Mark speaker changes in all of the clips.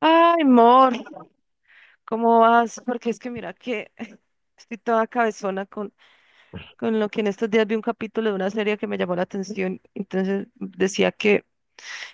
Speaker 1: Ay, amor, ¿cómo vas? Porque es que mira que estoy toda cabezona con lo que en estos días vi un capítulo de una serie que me llamó la atención. Entonces decía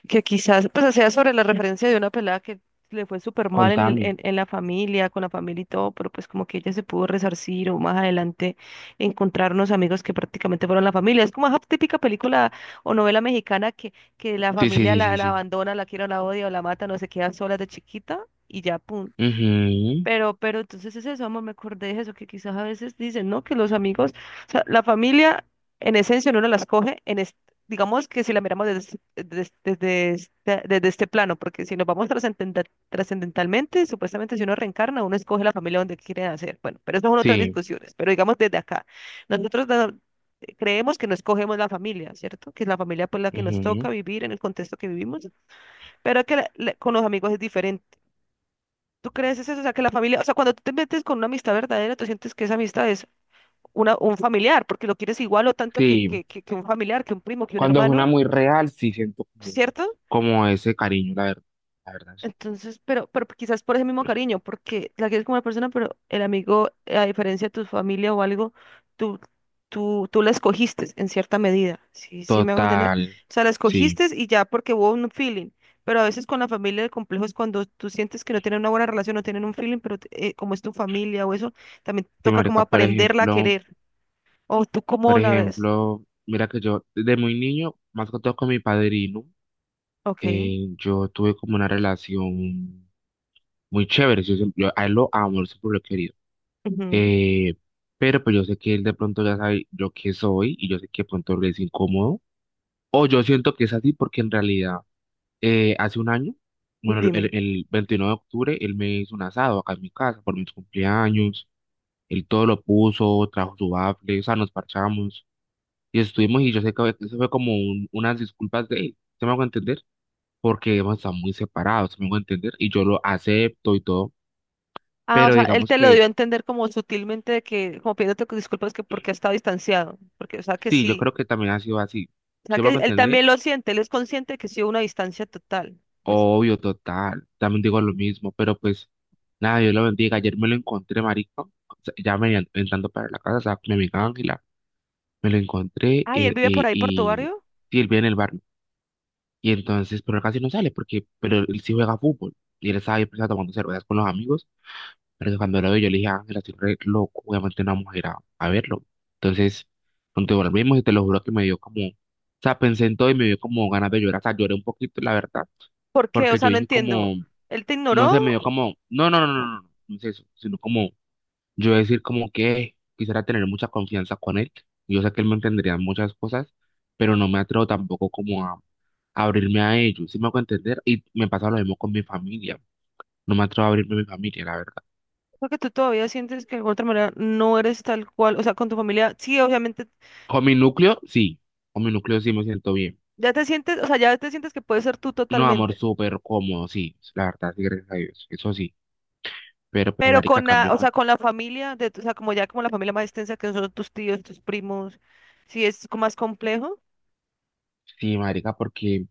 Speaker 1: que quizás, pues hacía sobre la referencia de una pelada que le fue súper mal
Speaker 2: Con Tami.
Speaker 1: en la familia, con la familia y todo, pero pues como que ella se pudo resarcir o más adelante encontrar unos amigos que prácticamente fueron la familia. Es como esa típica película o novela mexicana que la
Speaker 2: Sí, sí,
Speaker 1: familia
Speaker 2: sí, sí,
Speaker 1: la
Speaker 2: sí.
Speaker 1: abandona, la quiere o la odia o la mata, no se queda sola de chiquita y ya, pum,
Speaker 2: Ujú.
Speaker 1: pero entonces es eso, amor, me acordé de eso, que quizás a veces dicen, ¿no? Que los amigos, o sea, la familia en esencia uno la escoge, digamos que si la miramos desde este plano, porque si nos vamos trascendentalmente, supuestamente si uno reencarna, uno escoge la familia donde quiere nacer. Bueno, pero eso son otras
Speaker 2: Sí,
Speaker 1: discusiones, pero digamos desde acá, nosotros da- creemos que no escogemos la familia, ¿cierto? Que es la familia pues la que nos toca
Speaker 2: ujú.
Speaker 1: vivir en el contexto que vivimos, pero que con los amigos es diferente. ¿Tú crees eso? O sea, que la familia, o sea, cuando tú te metes con una amistad verdadera, tú sientes que esa amistad es un familiar, porque lo quieres igual o tanto
Speaker 2: Sí.
Speaker 1: que un familiar, que un primo, que un
Speaker 2: Cuando es una
Speaker 1: hermano,
Speaker 2: muy real, sí siento como,
Speaker 1: ¿cierto?
Speaker 2: como ese cariño, la verdad. La verdad, sí.
Speaker 1: Entonces, pero quizás por ese mismo cariño, porque la quieres como una persona, pero el amigo, a diferencia de tu familia o algo, tú, tú la escogiste en cierta medida, sí, sí me hago entender.
Speaker 2: Total.
Speaker 1: O sea, la
Speaker 2: Sí.
Speaker 1: escogiste y ya porque hubo un feeling, pero a veces con la familia el complejo es cuando tú sientes que no tienen una buena relación, no tienen un feeling, pero como es tu familia o eso, también
Speaker 2: Sí,
Speaker 1: toca como
Speaker 2: marica,
Speaker 1: aprenderla a querer. O tú
Speaker 2: por
Speaker 1: cómo la ves.
Speaker 2: ejemplo, mira que yo desde muy niño, más que todo con mi padrino,
Speaker 1: Ok.
Speaker 2: yo tuve como una relación muy chévere. Yo, yo a él lo amo, él siempre lo he querido.
Speaker 1: Ujú.
Speaker 2: Eh, pero pues yo sé que él de pronto ya sabe yo qué soy y yo sé que de pronto le es incómodo. O yo siento que es así porque en realidad hace un año, bueno,
Speaker 1: Dime.
Speaker 2: el 29 de octubre, él me hizo un asado acá en mi casa por mis cumpleaños. Él todo lo puso, trajo su bafle, o sea, nos parchamos y estuvimos y yo sé que eso fue como unas disculpas de él, ¿se me hago entender? Porque hemos estado muy separados, ¿se me hago entender? Y yo lo acepto y todo,
Speaker 1: Ah, o
Speaker 2: pero
Speaker 1: sea, él
Speaker 2: digamos
Speaker 1: te lo
Speaker 2: que
Speaker 1: dio a entender como sutilmente de que, como pidiéndote que disculpas que porque ha estado distanciado, porque, o sea, que
Speaker 2: sí, yo
Speaker 1: sí,
Speaker 2: creo que también ha sido así,
Speaker 1: o sea,
Speaker 2: ¿se
Speaker 1: que
Speaker 2: me hago
Speaker 1: él
Speaker 2: entender?
Speaker 1: también lo siente, él es consciente de que sí hubo una distancia total. Pues,
Speaker 2: Obvio, total. También digo lo mismo, pero pues nada, Dios lo bendiga. Ayer me lo encontré, marico. O sea, ya me entrando para la casa, o sea, mi amiga Ángela, me lo encontré
Speaker 1: ay, él vive por ahí, por tu barrio.
Speaker 2: sí, él vive en el bar. Y entonces, pero él casi no sale porque, pero él sí juega fútbol. Y él estaba ahí pues, tomando cervezas con los amigos. Pero cuando lo veo, yo le dije, Ángela, estoy re loco, voy a meter una mujer a verlo. Entonces, cuando volvimos, y te lo juro que me dio como, o sea, pensé en todo y me dio como ganas de llorar. O sea, lloré un poquito, la verdad,
Speaker 1: ¿Por qué? O
Speaker 2: porque yo
Speaker 1: sea, no
Speaker 2: dije
Speaker 1: entiendo.
Speaker 2: como
Speaker 1: ¿Él te
Speaker 2: no sé, me
Speaker 1: ignoró?
Speaker 2: dio como, no, no, no, no, no, no es eso, sino como yo decir como que quisiera tener mucha confianza con él. Yo sé que él me entendería en muchas cosas, pero no me atrevo tampoco como a, abrirme a ellos, ¿si me hago entender? Y me pasa lo mismo con mi familia, no me atrevo a abrirme a mi familia, la verdad.
Speaker 1: Porque tú todavía sientes que de alguna otra manera no eres tal cual, o sea, con tu familia, sí, obviamente,
Speaker 2: Con mi núcleo, sí, con mi núcleo sí me siento bien.
Speaker 1: ya te sientes, o sea, ya te sientes que puedes ser tú
Speaker 2: No, amor,
Speaker 1: totalmente,
Speaker 2: súper cómodo, sí, la verdad, sí, gracias a Dios, eso sí. Pero pues,
Speaker 1: pero
Speaker 2: marica,
Speaker 1: con
Speaker 2: cambio
Speaker 1: la, o sea,
Speaker 2: cuando
Speaker 1: con la familia, o sea, como ya como la familia más extensa que son tus tíos, tus primos, más complejo.
Speaker 2: sí, marica, porque yo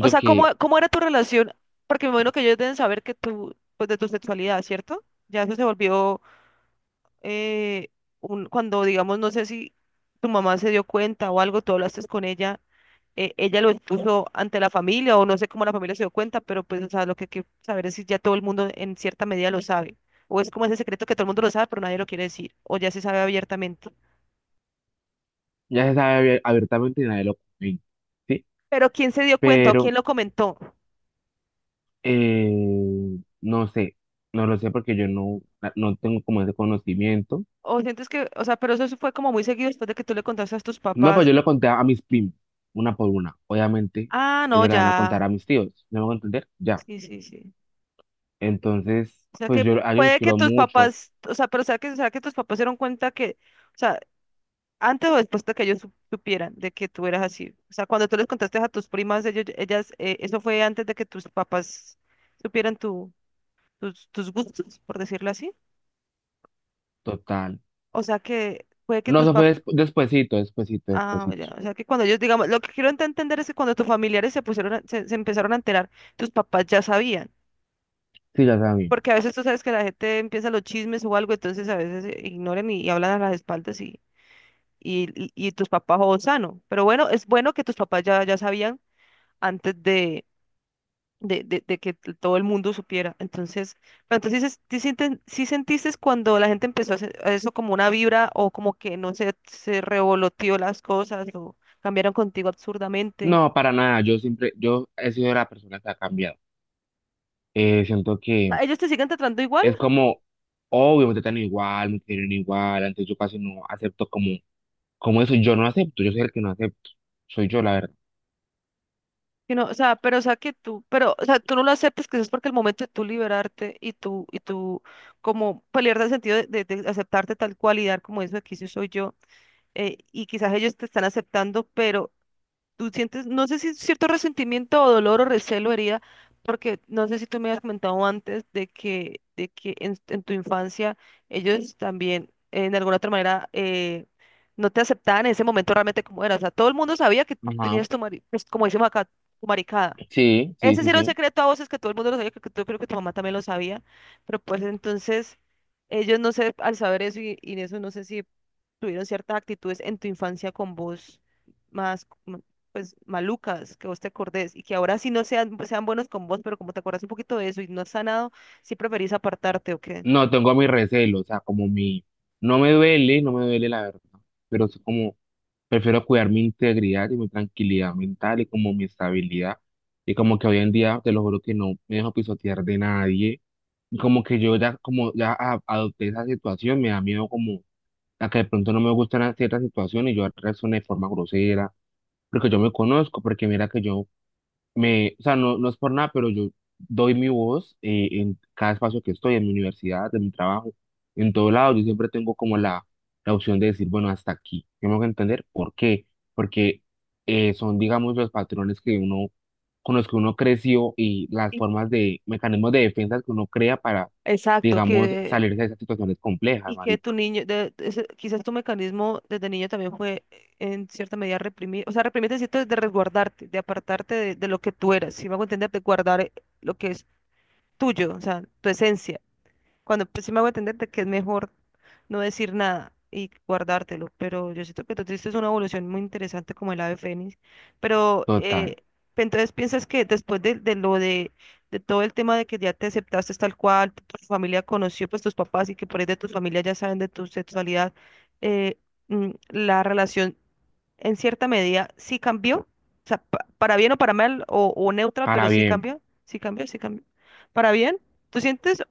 Speaker 1: O sea, ¿cómo,
Speaker 2: que
Speaker 1: cómo era tu relación? Porque me imagino que ellos deben saber que tú, pues de tu sexualidad, ¿cierto? Ya eso se volvió eh, cuando, digamos, no sé si tu mamá se dio cuenta o algo, tú hablaste con ella, ella lo expuso ante la familia o no sé cómo la familia se dio cuenta, pero pues, o sea, lo que hay que saber es si ya todo el mundo en cierta medida lo sabe. O es como ese secreto que todo el mundo lo sabe, pero nadie lo quiere decir, o ya se sabe abiertamente.
Speaker 2: ya se sabe abiertamente y nadie lo comenta. ¿Sí?
Speaker 1: Pero ¿quién se dio cuenta o
Speaker 2: Pero
Speaker 1: quién lo comentó?
Speaker 2: eh, no sé, no lo sé porque yo no, ah, no tengo como ese conocimiento.
Speaker 1: O sientes que, o sea, pero eso fue como muy seguido después de que tú le contaste a tus
Speaker 2: No, pues
Speaker 1: papás.
Speaker 2: yo le conté a mis primos, una por una. Obviamente,
Speaker 1: Ah, no,
Speaker 2: ellas le van a contar
Speaker 1: ya.
Speaker 2: a mis tíos, ¿no me van a entender? Ya.
Speaker 1: Sí, sí, sí.
Speaker 2: Entonces,
Speaker 1: O sea
Speaker 2: pues
Speaker 1: que
Speaker 2: yo a ellos los
Speaker 1: puede que
Speaker 2: quiero
Speaker 1: tus
Speaker 2: mucho,
Speaker 1: papás, o sea, pero o sea que tus papás se dieron cuenta que, o sea, antes o después de que ellos supieran de que tú eras así. O sea, cuando tú les contaste a tus primas, ellas, eso fue antes de que tus papás supieran tus gustos, por decirlo así.
Speaker 2: total.
Speaker 1: O sea que puede que
Speaker 2: No,
Speaker 1: tus
Speaker 2: eso fue
Speaker 1: papás,
Speaker 2: despuesito, despuesito,
Speaker 1: ah, ya.
Speaker 2: despuesito.
Speaker 1: O sea que cuando ellos, digamos, lo que quiero entender es que cuando tus familiares se pusieron, se empezaron a enterar, tus papás ya sabían.
Speaker 2: Sí, ya saben.
Speaker 1: Porque a veces tú sabes que la gente empieza los chismes o algo, entonces a veces ignoran y hablan a las espaldas y tus papás o sano. Pero bueno, es bueno que tus papás ya sabían antes de que todo el mundo supiera. Entonces, pero entonces dices, ¿sí, sí sentiste cuando la gente empezó a hacer a eso como una vibra o como que no sé, se revoloteó las cosas o cambiaron contigo absurdamente?
Speaker 2: No, para nada, yo siempre, yo he sido la persona que ha cambiado. Siento
Speaker 1: O
Speaker 2: que
Speaker 1: sea, ¿ellos te siguen tratando igual?
Speaker 2: es como, obvio, me tratan igual, me quieren igual, antes yo casi no acepto como ¿cómo eso? Yo no acepto, yo soy el que no acepto. Soy yo, la verdad.
Speaker 1: Que no, o sea, pero o sea que tú, pero o sea, tú no lo aceptes que es porque el momento de tú liberarte y tú como pelear el sentido de aceptarte tal cual y dar como eso aquí sí soy yo, y quizás ellos te están aceptando, pero tú sientes, no sé si es cierto resentimiento o dolor o recelo, herida, porque no sé si tú me habías comentado antes de que en tu infancia ellos también de alguna otra manera no te aceptaban en ese momento realmente como eras, o sea, todo el mundo sabía que
Speaker 2: Ajá.
Speaker 1: tenías tu pues, como decimos acá, tu maricada,
Speaker 2: Sí, sí,
Speaker 1: ese sí
Speaker 2: sí,
Speaker 1: era un
Speaker 2: sí.
Speaker 1: secreto a voces que todo el mundo lo sabía, creo que tú, creo que tu mamá también lo sabía, pero pues entonces ellos no sé, al saber eso y eso no sé si tuvieron ciertas actitudes en tu infancia con vos más, pues malucas, que vos te acordés y que ahora sí no sean, sean buenos con vos, pero como te acordás un poquito de eso y no has sanado, sí preferís apartarte o qué.
Speaker 2: No, tengo mi recelo, o sea, como mi... No me duele, no me duele la verdad, pero es como prefiero cuidar mi integridad y mi tranquilidad mental y como mi estabilidad. Y como que hoy en día, te lo juro que no me dejo pisotear de nadie. Y como que yo ya, como ya adopté esa situación, me da miedo como a que de pronto no me gustan ciertas situaciones y yo reaccioné de forma grosera, porque yo me conozco, porque mira que yo me, o sea, no, no es por nada, pero yo doy mi voz en cada espacio que estoy, en mi universidad, en mi trabajo, en todo lado. Yo siempre tengo como la opción de decir, bueno, hasta aquí. Tengo que entender por qué. Porque son, digamos, los patrones que uno, con los que uno creció y las
Speaker 1: Y-
Speaker 2: formas de, mecanismos de defensa que uno crea para,
Speaker 1: Exacto,
Speaker 2: digamos,
Speaker 1: que...
Speaker 2: salirse de esas situaciones complejas,
Speaker 1: Y que tu
Speaker 2: marico.
Speaker 1: niño, quizás tu mecanismo desde niño también fue en cierta medida reprimir, o sea, reprimirte cierto, de resguardarte, de apartarte de lo que tú eras, si me hago entender, de guardar lo que es tuyo, o sea, tu esencia. Cuando pues, sí me hago entender de que es mejor no decir nada y guardártelo, pero yo siento que tú tuviste una evolución muy interesante como el ave fénix, pero
Speaker 2: Total.
Speaker 1: entonces piensas que después de lo de todo el tema de que ya te aceptaste tal cual, tu familia conoció pues tus papás y que por ahí de tu familia ya saben de tu sexualidad, eh, la relación en cierta medida sí cambió, para bien o para mal o neutra, pero
Speaker 2: Ahora
Speaker 1: sí
Speaker 2: bien,
Speaker 1: cambió, sí cambió, sí cambió, para bien. ¿Tú sientes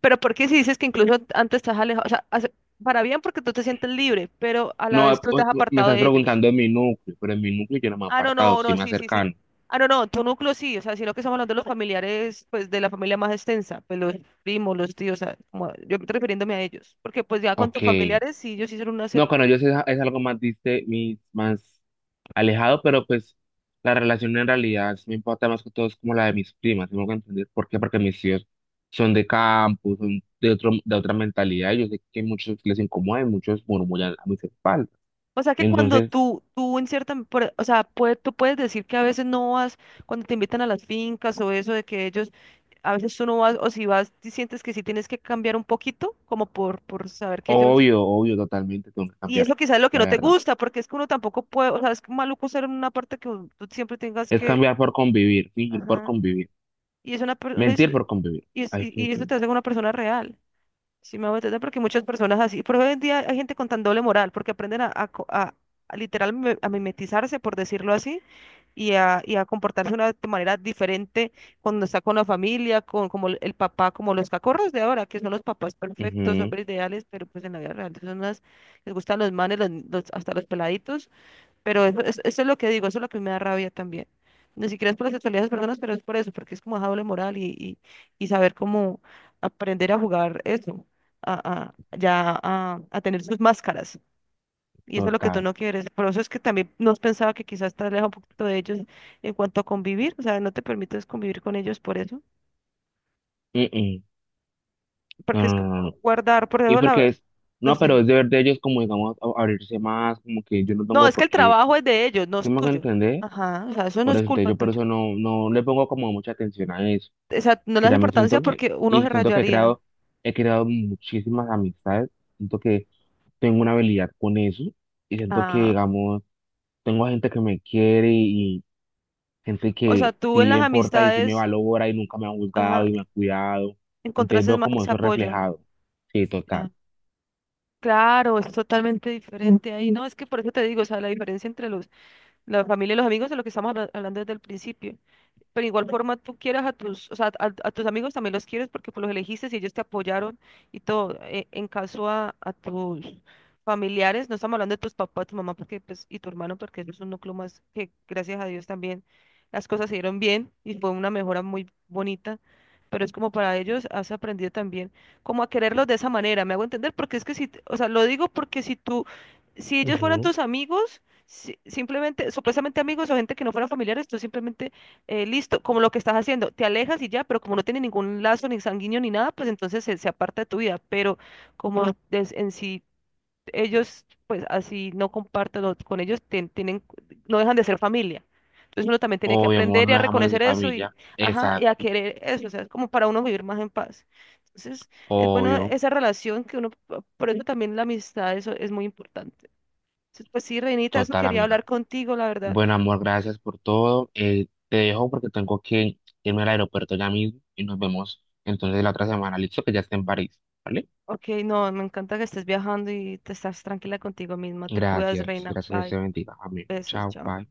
Speaker 1: pero ¿por qué si dices que incluso antes estás alejado? O sea, para bien porque tú te sientes libre, pero a la
Speaker 2: no,
Speaker 1: vez tú te has
Speaker 2: me
Speaker 1: apartado
Speaker 2: estás
Speaker 1: de ellos.
Speaker 2: preguntando en mi núcleo, pero en mi núcleo yo no me he
Speaker 1: Ah, no,
Speaker 2: apartado,
Speaker 1: no,
Speaker 2: sí
Speaker 1: no,
Speaker 2: más
Speaker 1: sí, sí, sí.
Speaker 2: cercano.
Speaker 1: Ah, no, no, tu núcleo sí, o sea, sino que estamos hablando de los familiares, pues de la familia más extensa, pues los primos, los tíos, o sea, como... yo estoy refiriéndome a ellos, porque pues ya con tus
Speaker 2: Ok.
Speaker 1: familiares sí, ellos hicieron una, se...
Speaker 2: No, con ellos es algo más diste, más alejado, pero pues la relación en realidad sí me importa más que todo es como la de mis primas, tengo que entender por qué, porque mis tíos son de campo, son de otro, de otra mentalidad, y yo sé que muchos les incomoda y muchos murmullan a mis espaldas.
Speaker 1: O sea que cuando
Speaker 2: Entonces,
Speaker 1: tú en cierta, o sea, tú puedes decir que a veces no vas, cuando te invitan a las fincas o eso, de que ellos, a veces tú no vas, o si vas, si sientes que sí tienes que cambiar un poquito, como por saber que ellos,
Speaker 2: obvio, obvio, totalmente tengo que
Speaker 1: y
Speaker 2: cambiar,
Speaker 1: eso quizás es lo que
Speaker 2: la
Speaker 1: no te
Speaker 2: verdad.
Speaker 1: gusta, porque es que uno tampoco puede, o sea, es maluco ser en una parte que tú siempre tengas
Speaker 2: Es
Speaker 1: que,
Speaker 2: cambiar por convivir, fingir por
Speaker 1: ajá,
Speaker 2: convivir,
Speaker 1: y es una, per- una es-
Speaker 2: mentir por convivir.
Speaker 1: y,
Speaker 2: Ay, fue-
Speaker 1: y eso te hace una persona real. Sí, me hago entender porque muchas personas así, por hoy en día hay gente con tan doble moral, porque aprenden a literal a mimetizarse, por decirlo así, y a comportarse de una, de manera diferente cuando está con la familia, con como el papá, como los cacorros de ahora, que son los papás perfectos,
Speaker 2: ujú,
Speaker 1: hombres ideales, pero pues en la vida real son unas, les gustan los manes, hasta los peladitos, pero eso es lo que digo, eso es lo que me da rabia también. Ni siquiera es por la sexualidad de las personas, pero es por eso, porque es como esa doble moral y saber cómo aprender a jugar eso, a tener sus máscaras. Y eso es lo que tú
Speaker 2: total.
Speaker 1: no quieres. Por eso es que también nos pensaba que quizás estás lejos un poquito de ellos en cuanto a convivir, o sea, no te permites convivir con ellos por eso,
Speaker 2: Mm, mm. No,
Speaker 1: porque es que
Speaker 2: no, no, no, no.
Speaker 1: guardar, por
Speaker 2: Y
Speaker 1: eso
Speaker 2: porque
Speaker 1: la,
Speaker 2: es,
Speaker 1: no
Speaker 2: no,
Speaker 1: sé.
Speaker 2: pero es deber de ellos como, digamos, abrirse más, como que yo no
Speaker 1: No,
Speaker 2: tengo
Speaker 1: es que
Speaker 2: por
Speaker 1: el
Speaker 2: qué,
Speaker 1: trabajo es de ellos, no
Speaker 2: ¿sí
Speaker 1: es
Speaker 2: me hago
Speaker 1: tuyo.
Speaker 2: entender?
Speaker 1: Ajá, o sea, eso no
Speaker 2: Por
Speaker 1: es
Speaker 2: eso, entonces
Speaker 1: culpa
Speaker 2: yo por
Speaker 1: tuya.
Speaker 2: eso no, no le pongo como mucha atención a eso,
Speaker 1: O sea, no le
Speaker 2: que
Speaker 1: das
Speaker 2: ya me siento
Speaker 1: importancia
Speaker 2: bien.
Speaker 1: porque uno
Speaker 2: Y
Speaker 1: se
Speaker 2: siento que
Speaker 1: rayaría.
Speaker 2: he creado muchísimas amistades, siento que tengo una habilidad con eso, y siento que,
Speaker 1: Ah,
Speaker 2: digamos, tengo gente que me quiere y gente
Speaker 1: o sea,
Speaker 2: que
Speaker 1: tú en
Speaker 2: sí le
Speaker 1: las
Speaker 2: importa y sí me
Speaker 1: amistades,
Speaker 2: valora y nunca me ha
Speaker 1: ajá,
Speaker 2: juzgado y me ha cuidado. Entonces
Speaker 1: encontraste
Speaker 2: veo
Speaker 1: más
Speaker 2: como
Speaker 1: ese
Speaker 2: eso
Speaker 1: apoyo.
Speaker 2: reflejado. Sí, total.
Speaker 1: Ya. Claro, es totalmente diferente ahí. No, es que por eso te digo, o sea, la diferencia entre los, la familia y los amigos es lo que estamos hablando desde el principio. Pero igual forma tú quieras a tus, o sea, a tus amigos también los quieres porque pues los elegiste y ellos te apoyaron y todo. En caso a tus familiares, no estamos hablando de tus papás, tu mamá porque, pues, y tu hermano porque eso es un núcleo más que gracias a Dios también las cosas se dieron bien y fue una mejora muy bonita. Pero es como para ellos has aprendido también como a quererlos de esa manera, me hago entender, porque es que si, o sea, lo digo porque si tú, si ellos fueran tus amigos, simplemente, supuestamente amigos o gente que no fuera familiares, tú simplemente listo, como lo que estás haciendo, te alejas y ya, pero como no tiene ningún lazo ni sanguíneo ni nada, pues entonces se aparta de tu vida, pero como Ujú. En sí ellos, pues así no comparten o con ellos, tienen, no dejan de ser familia. Entonces uno también tiene que
Speaker 2: Obvio, amor,
Speaker 1: aprender y a
Speaker 2: no dejamos de ser
Speaker 1: reconocer eso y,
Speaker 2: familia.
Speaker 1: ajá, y a
Speaker 2: Exacto,
Speaker 1: querer eso, o sea, es como para uno vivir más en paz. Entonces, es bueno
Speaker 2: obvio,
Speaker 1: esa relación que uno, por eso también la amistad, eso es muy importante. Entonces, pues sí, Reinita, eso
Speaker 2: total,
Speaker 1: quería
Speaker 2: amiga.
Speaker 1: hablar contigo, la verdad.
Speaker 2: Bueno, amor, gracias por todo. Te dejo porque tengo que irme al aeropuerto ya mismo y nos vemos entonces la otra semana. Listo, que ya esté en París, ¿vale?
Speaker 1: Ok, no, me encanta que estés viajando y te estás tranquila contigo misma. Te cuidas,
Speaker 2: Gracias,
Speaker 1: reina.
Speaker 2: gracias, que
Speaker 1: Bye.
Speaker 2: se bendiga. Amén.
Speaker 1: Besos,
Speaker 2: Chao,
Speaker 1: chao.
Speaker 2: bye.